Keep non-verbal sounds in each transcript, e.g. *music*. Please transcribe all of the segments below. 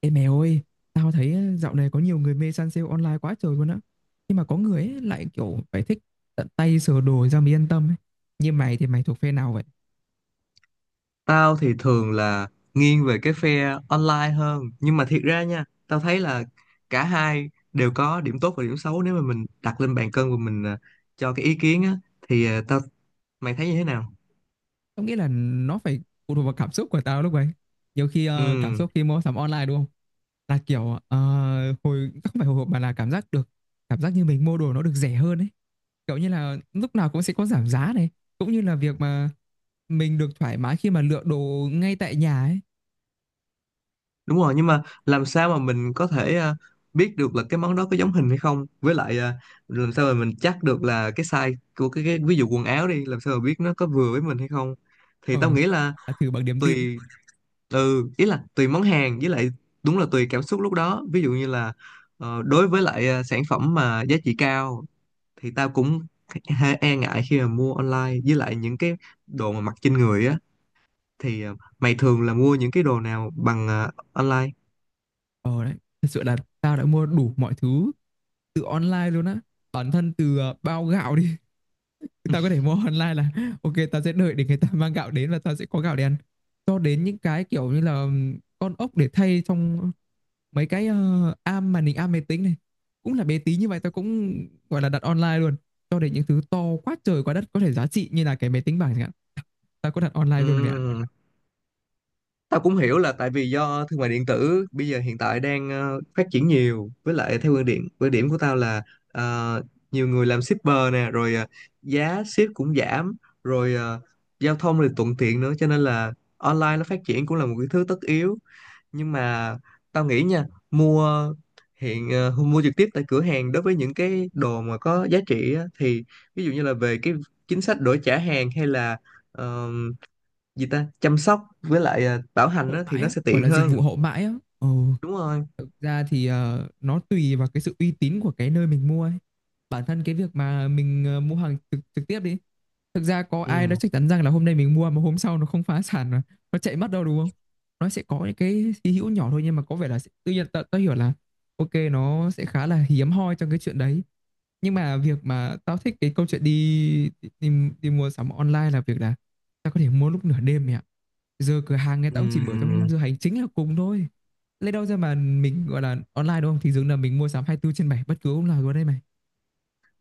Ê mẹ ơi, tao thấy á, dạo này có nhiều người mê săn sale online quá trời luôn á. Nhưng mà có người ấy lại kiểu phải thích tận tay sờ đồ ra mới yên tâm ấy. Như mày thì mày thuộc phe nào vậy? Tao thì thường là nghiêng về cái phe online hơn. Nhưng mà thiệt ra nha, tao thấy là cả hai đều có điểm tốt và điểm xấu. Nếu mà mình đặt lên bàn cân và mình cho cái ý kiến á thì tao, mày thấy như thế nào? Tao nghĩ là nó phải phụ thuộc vào cảm xúc của tao lúc ấy. Nhiều khi cảm Ừ, xúc khi mua sắm online đúng không? Là kiểu hồi không phải hồi hộp mà là cảm giác được cảm giác như mình mua đồ nó được rẻ hơn ấy. Kiểu như là lúc nào cũng sẽ có giảm giá này, cũng như là việc mà mình được thoải mái khi mà lựa đồ ngay tại nhà ấy. đúng rồi, nhưng mà làm sao mà mình có thể biết được là cái món đó có giống hình hay không? Với lại làm sao mà mình chắc được là cái size của cái ví dụ quần áo đi, làm sao mà biết nó có vừa với mình hay không thì Ờ, tao nghĩ là thử bằng niềm tin. tùy. Ừ, ý là tùy món hàng, với lại đúng là tùy cảm xúc lúc đó. Ví dụ như là đối với lại sản phẩm mà giá trị cao thì tao cũng hơi e ngại khi mà mua online, với lại những cái đồ mà mặc trên người á thì mày thường là mua những cái đồ nào bằng online? Ờ đấy, thật sự là tao đã mua đủ mọi thứ từ online luôn á. Bản thân từ bao gạo đi, *laughs* tao có thể mua online là *laughs* ok tao sẽ đợi để người ta mang gạo đến và tao sẽ có gạo để ăn. Cho đến những cái kiểu như là con ốc để thay trong mấy cái am màn hình am máy tính này. Cũng là bé tí như vậy tao cũng gọi là đặt online luôn. Cho đến những thứ to quá trời quá đất có thể giá trị như là cái máy tính bảng chẳng hạn. Tao có đặt online luôn mẹ ạ. Ừ, tao cũng hiểu là tại vì do thương mại điện tử bây giờ hiện tại đang phát triển nhiều. Với lại theo quan điểm của tao là ờ, nhiều người làm shipper nè, rồi giá ship cũng giảm, rồi giao thông thì thuận tiện nữa, cho nên là online nó phát triển cũng là một cái thứ tất yếu. Nhưng mà tao nghĩ nha, mua mua trực tiếp tại cửa hàng đối với những cái đồ mà có giá trị á, thì ví dụ như là về cái chính sách đổi trả hàng, hay là gì ta, chăm sóc với lại bảo hành Hậu á, thì mãi nó á, sẽ gọi tiện là dịch hơn. vụ hậu mãi á. Ờ. Đúng rồi. Thực ra thì nó tùy vào cái sự uy tín của cái nơi mình mua ấy. Bản thân cái việc mà mình mua hàng trực trực tiếp đi, thực ra có ai đó Ừ. chắc chắn rằng là hôm nay mình mua mà hôm sau nó không phá sản mà nó chạy mất đâu đúng không? Nó sẽ có những cái hy hữu nhỏ thôi nhưng mà có vẻ là sẽ- tự nhiên tao hiểu là ok nó sẽ khá là hiếm hoi trong cái chuyện đấy. Nhưng mà việc mà tao thích cái câu chuyện đi đi, đi mua sắm online là việc là tao có thể mua lúc nửa đêm mẹ ạ. Giờ cửa hàng người Ừ. ta cũng chỉ mở trong giờ hành chính là cùng thôi. Lấy đâu ra mà mình gọi là online đúng không? Thì dường là mình mua sắm 24 trên 7 bất cứ lúc nào luôn đây này.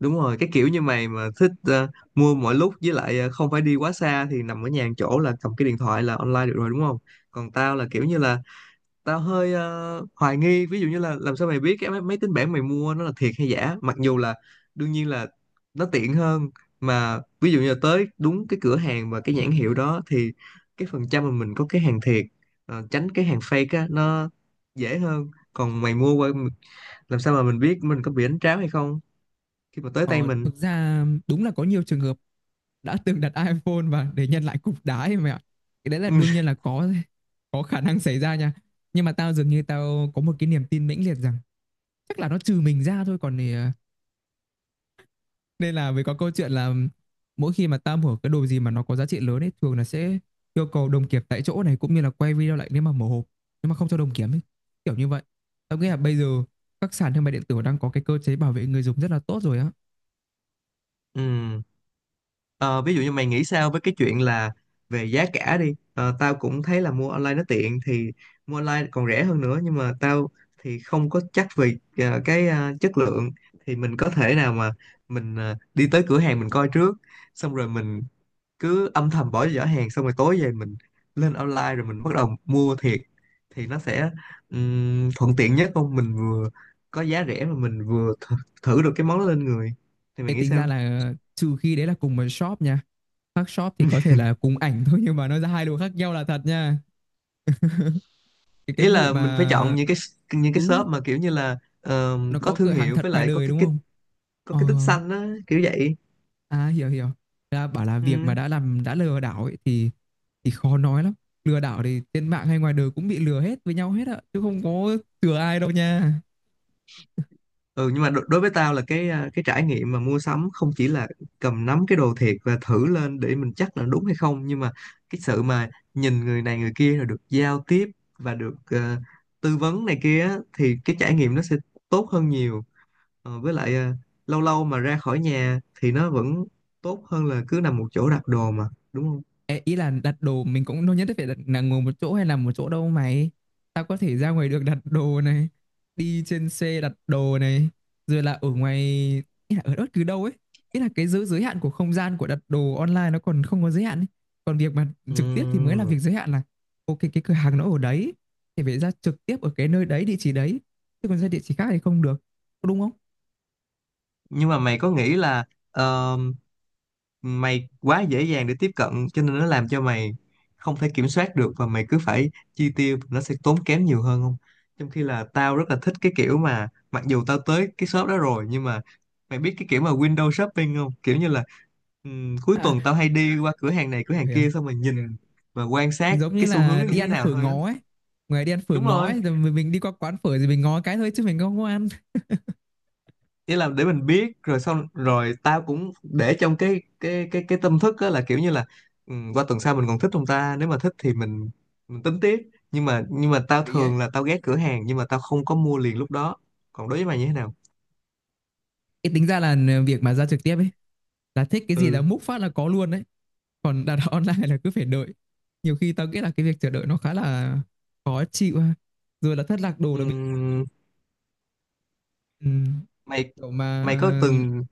Đúng rồi, cái kiểu như mày mà thích mua mọi lúc, với lại không phải đi quá xa, thì nằm ở nhà một chỗ là cầm cái điện thoại là online được rồi đúng không? Còn tao là kiểu như là tao hơi hoài nghi, ví dụ như là làm sao mày biết cái máy tính bảng mày mua nó là thiệt hay giả? Mặc dù là đương nhiên là nó tiện hơn, mà ví dụ như là tới đúng cái cửa hàng và cái nhãn hiệu đó thì cái phần trăm mà mình có cái hàng thiệt, tránh cái hàng fake á, nó dễ hơn. Còn mày mua qua, làm sao mà mình biết mình có bị đánh tráo hay không khi mà tới tay Ờ, mình? thực ra đúng là có nhiều trường hợp đã từng đặt iPhone và để nhận lại cục đá ấy mày ạ. Cái đấy là đương nhiên *laughs* là có khả năng xảy ra nha. Nhưng mà tao dường như tao có một cái niềm tin mãnh liệt rằng chắc là nó trừ mình ra thôi còn thì nên là mới có câu chuyện là mỗi khi mà tao mở cái đồ gì mà nó có giá trị lớn ấy thường là sẽ yêu cầu đồng kiểm tại chỗ này cũng như là quay video lại nếu mà mở hộp nhưng mà không cho đồng kiểm ấy kiểu như vậy. Tao nghĩ là bây giờ các sàn thương mại điện tử đang có cái cơ chế bảo vệ người dùng rất là tốt rồi á. Ừ. Ờ, ví dụ như mày nghĩ sao với cái chuyện là về giá cả đi. Ờ, tao cũng thấy là mua online nó tiện, thì mua online còn rẻ hơn nữa, nhưng mà tao thì không có chắc về chất lượng. Thì mình có thể nào mà mình đi tới cửa hàng mình coi trước, xong rồi mình cứ âm thầm bỏ giỏ hàng, xong rồi tối về mình lên online rồi mình bắt đầu mua thiệt, thì nó sẽ, thuận tiện nhất không? Mình vừa có giá rẻ mà mình vừa th, thử được cái món đó lên người. Thì mày Thế nghĩ tính sao? ra là trừ khi đấy là cùng một shop nha, khác shop thì có thể là cùng ảnh thôi nhưng mà nó ra hai đồ khác nhau là thật nha. Cái Ý vụ là mình phải chọn mà những cái, những cái ừ, shop mà kiểu như là nó có có thương cửa hàng hiệu, thật với ngoài lại có đời cái đúng cái không. có Ờ. cái tích xanh á, kiểu vậy. À, hiểu hiểu. Là bảo là việc mà Ừ. đã làm đã lừa đảo ấy thì khó nói lắm. Lừa đảo thì trên mạng hay ngoài đời cũng bị lừa hết với nhau hết ạ, chứ không có chừa ai đâu nha. Ừ, nhưng mà đối với tao là cái trải nghiệm mà mua sắm không chỉ là cầm nắm cái đồ thiệt và thử lên để mình chắc là đúng hay không, nhưng mà cái sự mà nhìn người này người kia rồi được giao tiếp và được tư vấn này kia á, thì cái trải nghiệm nó sẽ tốt hơn nhiều. Ờ, với lại lâu lâu mà ra khỏi nhà thì nó vẫn tốt hơn là cứ nằm một chỗ đặt đồ mà, đúng không? Ê, ý là đặt đồ mình cũng đâu nhất thiết phải đặt, là ngồi một chỗ hay là một chỗ đâu mày. Tao có thể ra ngoài được đặt đồ này, đi trên xe đặt đồ này, rồi là ở ngoài, ý là ở bất cứ đâu ấy. Ý là cái giới giới hạn của không gian của đặt đồ online nó còn không có giới hạn ấy. Còn việc mà Ừ. trực tiếp thì mới là việc giới hạn là ok cái cửa hàng nó ở đấy thì phải ra trực tiếp ở cái nơi đấy địa chỉ đấy. Chứ còn ra địa chỉ khác thì không được. Có. Đúng không? Nhưng mà mày có nghĩ là ờ, mày quá dễ dàng để tiếp cận, cho nên nó làm cho mày không thể kiểm soát được và mày cứ phải chi tiêu, nó sẽ tốn kém nhiều hơn không? Trong khi là tao rất là thích cái kiểu mà mặc dù tao tới cái shop đó rồi nhưng mà mày biết cái kiểu mà window shopping không, kiểu như là cuối À, tuần tao hay đi qua cửa hàng này cửa hiểu hàng hiểu. kia xong rồi nhìn và quan sát Giống như cái xu hướng là nó như đi thế ăn nào phở thôi á. ngó ấy, ngoài đi ăn phở Đúng ngó rồi, ấy rồi mình đi qua quán phở thì mình ngó cái thôi chứ mình không có ăn. ý là để mình biết, rồi xong rồi tao cũng để trong cái tâm thức á, là kiểu như là ừ, qua tuần sau mình còn thích không ta, nếu mà thích thì mình tính tiếp. Nhưng mà Hợp tao lý ấy. thường là tao ghé cửa hàng nhưng mà tao không có mua liền lúc đó. Còn đối với mày như thế nào? Cái tính ra là việc mà ra trực tiếp ấy là thích cái gì là Ừ. múc phát là có luôn đấy. Còn đặt *laughs* online là cứ phải đợi. Nhiều khi tao nghĩ là cái việc chờ đợi nó khá là khó chịu ha. Rồi là thất lạc đồ là bị Ừm, ừ, mày kiểu mà mày có từng,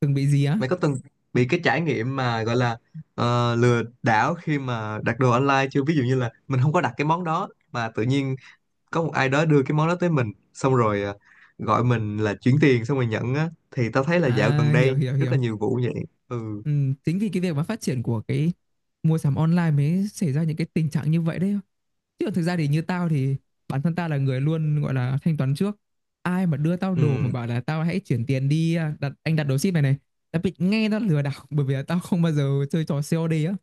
từng bị gì á. mày có từng bị cái trải nghiệm mà gọi là lừa đảo khi mà đặt đồ online chưa? Ví dụ như là mình không có đặt cái món đó mà tự nhiên có một ai đó đưa cái món đó tới mình xong rồi gọi mình là chuyển tiền xong rồi nhận á, thì tao thấy là dạo À, gần hiểu đây hiểu rất hiểu. là nhiều vụ vậy. Ừ. Ừ, chính vì cái việc mà phát triển của cái mua sắm online mới xảy ra những cái tình trạng như vậy đấy, chứ còn thực ra thì như tao thì bản thân tao là người luôn gọi là thanh toán trước. Ai mà đưa tao đồ mà Ừ. bảo là tao hãy chuyển tiền đi à, đặt anh đặt đồ ship này này, tao bị nghe nó lừa đảo *laughs* bởi vì là tao không bao giờ chơi trò COD á.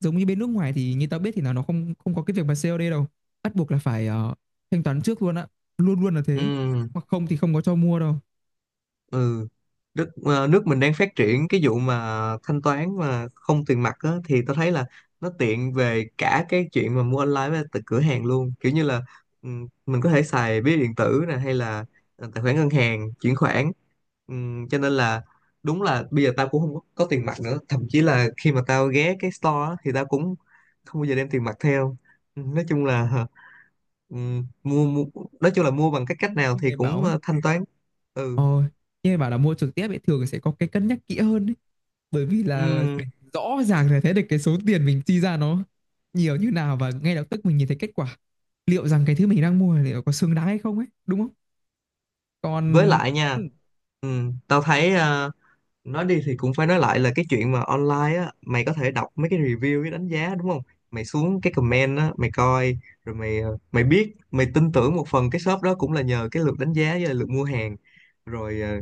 Giống như bên nước ngoài thì như tao biết thì là nó không không có cái việc mà COD đâu, bắt buộc là phải thanh toán trước luôn á, luôn luôn là thế, Ừ. hoặc không thì không có cho mua đâu. Ừ, nước nước mình đang phát triển cái vụ mà thanh toán mà không tiền mặt á, thì tao thấy là nó tiện về cả cái chuyện mà mua online với từ cửa hàng luôn, kiểu như là mình có thể xài ví điện tử nè, hay là tài khoản ngân hàng chuyển khoản. Cho nên là đúng là bây giờ tao cũng không có, có tiền mặt nữa. Thậm chí là khi mà tao ghé cái store á, thì tao cũng không bao giờ đem tiền mặt theo. Nói chung là mua nói chung là mua bằng cái cách nào Nhưng thì mày bảo cũng ấy, thanh toán. Ừ. ờ, nhưng mày bảo là mua trực tiếp ấy thường sẽ có cái cân nhắc kỹ hơn ấy. Bởi vì là Ừ, mình rõ ràng là thấy được cái số tiền mình chi ra nó nhiều như nào và ngay lập tức mình nhìn thấy kết quả liệu rằng cái thứ mình đang mua liệu có xứng đáng hay không ấy đúng không. với Còn lại nha, ừ, tao thấy nói đi thì cũng phải nói lại là cái chuyện mà online á, mày có thể đọc mấy cái review với đánh giá đúng không? Mày xuống cái comment á mày coi, rồi mày mày biết, mày tin tưởng một phần cái shop đó cũng là nhờ cái lượt đánh giá với lại lượt mua hàng, rồi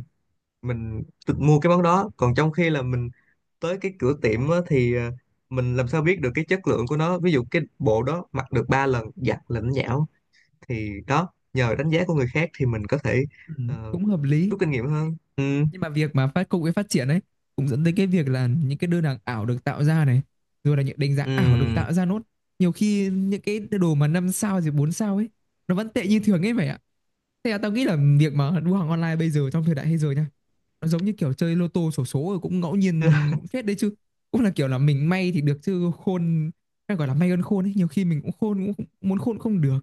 mình tự mua cái món đó. Còn trong khi là mình tới cái cửa tiệm á, thì mình làm sao biết được cái chất lượng của nó? Ví dụ cái bộ đó mặc được 3 lần giặt là nó nhão, thì đó, nhờ đánh giá của người khác thì mình có thể ừ, ờ, cũng hợp lý. rút kinh nghiệm hơn. Ừ. Nhưng mà việc mà phát công nghệ phát triển ấy cũng dẫn tới cái việc là những cái đơn hàng ảo được tạo ra này rồi là những đánh giá Ừ. ảo được tạo ra nốt. Nhiều khi những cái đồ mà năm sao rồi bốn sao ấy nó vẫn tệ như thường ấy vậy ạ. Thế là tao nghĩ là việc mà đua hàng online bây giờ trong thời đại bây giờ nha, nó giống như kiểu chơi lô tô xổ số rồi cũng ngẫu *laughs* Ừ. nhiên phết đấy chứ. Cũng là kiểu là mình may thì được chứ khôn, hay gọi là may hơn khôn ấy. Nhiều khi mình cũng khôn cũng không- muốn khôn không được.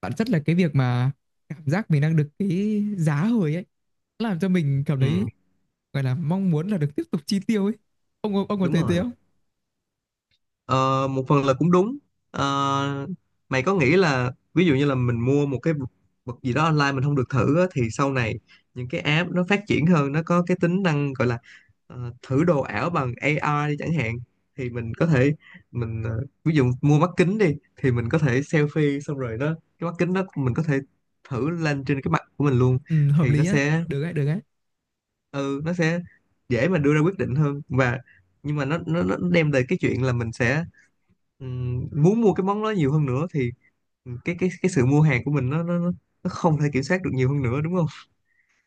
Bản chất là cái việc mà cảm giác mình đang được cái giá hời ấy làm cho mình cảm Ừ, thấy gọi là mong muốn là được tiếp tục chi tiêu ấy. Ông có đúng thấy thế rồi. không? Ờ, một phần là cũng đúng. Ờ, mày có nghĩ là ví dụ như là mình mua một cái vật gì đó online mình không được thử á, thì sau này những cái app nó phát triển hơn, nó có cái tính năng gọi là thử đồ ảo bằng AR đi chẳng hạn, thì mình có thể ví dụ mua mắt kính đi, thì mình có thể selfie xong rồi nó, cái mắt kính đó mình có thể thử lên trên cái mặt của mình luôn. Ừ, hợp Thì lý nó á, sẽ, được đấy, được đấy. ừ, nó sẽ dễ mà đưa ra quyết định hơn. Và nhưng mà nó đem về cái chuyện là mình sẽ, muốn mua cái món đó nhiều hơn nữa, thì cái sự mua hàng của mình nó không thể kiểm soát được nhiều hơn nữa, đúng không?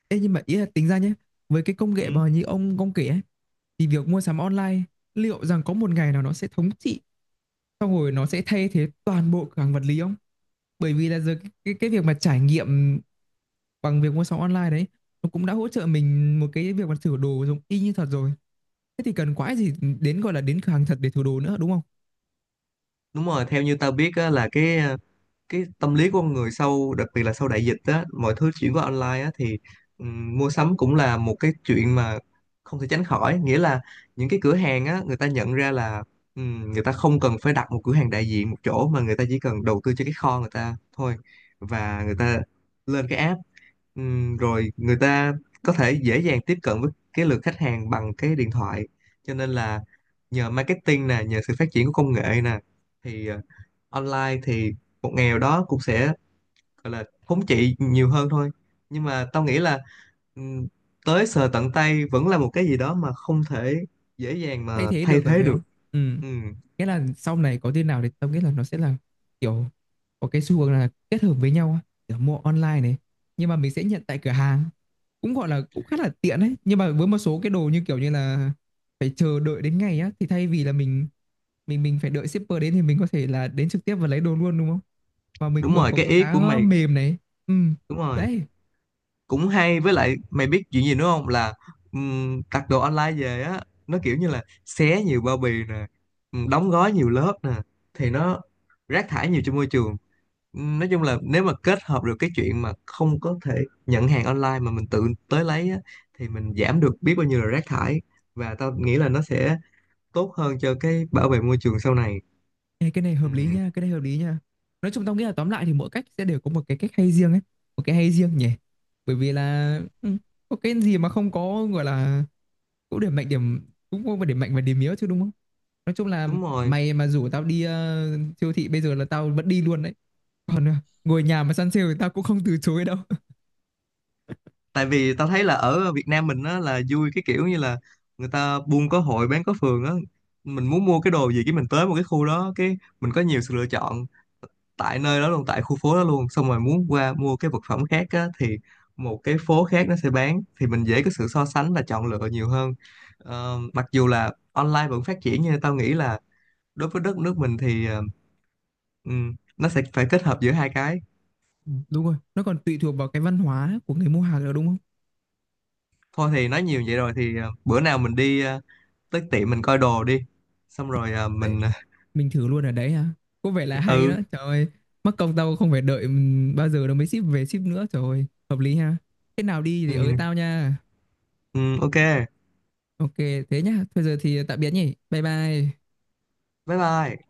Ê nhưng mà ý là tính ra nhé, với cái công Ừ, nghệ mà như ông kể ấy thì việc mua sắm online liệu rằng có một ngày nào nó sẽ thống trị, xong rồi nó sẽ thay thế toàn bộ cửa hàng vật lý không? Bởi vì là giờ cái việc mà trải nghiệm bằng việc mua sắm online đấy, nó cũng đã hỗ trợ mình một cái việc mà thử đồ giống y như thật rồi. Thế thì cần quái gì đến, gọi là, đến cửa hàng thật để thử đồ nữa, đúng không? đúng rồi, theo như tao biết á, là cái tâm lý của con người sau, đặc biệt là sau đại dịch á, mọi thứ chuyển qua online á, thì mua sắm cũng là một cái chuyện mà không thể tránh khỏi. Nghĩa là những cái cửa hàng á, người ta nhận ra là người ta không cần phải đặt một cửa hàng đại diện một chỗ, mà người ta chỉ cần đầu tư cho cái kho người ta thôi, và người ta lên cái app. Rồi người ta có thể dễ dàng tiếp cận với cái lượt khách hàng bằng cái điện thoại. Cho nên là nhờ marketing nè, nhờ sự phát triển của công nghệ nè, thì online thì một nghèo đó cũng sẽ, gọi là, thống trị nhiều hơn thôi. Nhưng mà tao nghĩ là ừm, tới sờ tận tay vẫn là một cái gì đó mà không thể dễ dàng Thay mà thế thay được rồi thế phải được. không. Ừ, Ừ, nghĩa là sau này có tin nào thì tao nghĩ là nó sẽ là kiểu có cái xu hướng là kết hợp với nhau á, kiểu mua online này nhưng mà mình sẽ nhận tại cửa hàng cũng gọi là cũng khá là tiện đấy. Nhưng mà với một số cái đồ như kiểu như là phải chờ đợi đến ngày á thì thay vì là mình phải đợi shipper đến thì mình có thể là đến trực tiếp và lấy đồ luôn đúng không, và mình đúng vừa rồi, có cái cái ý của giá mày mềm này. Ừ đúng rồi, đấy. cũng hay. Với lại mày biết chuyện gì nữa không, là đặt đồ online về á, nó kiểu như là xé nhiều bao bì nè, đóng gói nhiều lớp nè, thì nó rác thải nhiều cho môi trường. Nói chung là nếu mà kết hợp được cái chuyện mà không có, thể nhận hàng online mà mình tự tới lấy á, thì mình giảm được biết bao nhiêu là rác thải, và tao nghĩ là nó sẽ tốt hơn cho cái bảo vệ môi trường sau này. Ê, cái này hợp lý Ừm, nha, cái này hợp lý nha. Nói chung tao nghĩ là tóm lại thì mỗi cách sẽ đều có một cái cách hay riêng ấy, một cái hay riêng nhỉ. Bởi vì là ừ, có cái gì mà không có gọi là cũng điểm mạnh điểm cũng có điểm mạnh và điểm yếu chứ đúng không? Nói chung là đúng rồi, mày mà rủ tao đi siêu thị bây giờ là tao vẫn đi luôn đấy. Còn ngồi nhà mà săn sale thì tao cũng không từ chối đâu. tại vì tao thấy là ở Việt Nam mình á là vui, cái kiểu như là người ta buôn có hội bán có phường á, mình muốn mua cái đồ gì, cái mình tới một cái khu đó, cái mình có nhiều sự lựa chọn tại nơi đó luôn, tại khu phố đó luôn. Xong rồi muốn qua mua cái vật phẩm khác á, thì một cái phố khác nó sẽ bán, thì mình dễ có sự so sánh và chọn lựa nhiều hơn. Ờ, mặc dù là online vẫn phát triển, nhưng tao nghĩ là đối với đất nước mình thì nó sẽ phải kết hợp giữa hai cái. Ừ, đúng rồi, nó còn tùy thuộc vào cái văn hóa của người mua hàng nữa đúng không? Thôi thì nói nhiều vậy rồi, thì bữa nào mình đi tới tiệm mình coi đồ đi, xong rồi à, Đấy, mình *laughs* mình thử luôn ở đấy hả, có vẻ là hay đó ừ, trời ơi. Mắc công tao không phải đợi bao giờ nó mới ship về ship nữa trời ơi hợp lý ha. Thế nào đi thì ừ. ới tao nha. Ừ, ok. Ok. Thế nhá, thôi giờ thì tạm biệt nhỉ, bye bye. Bye bye.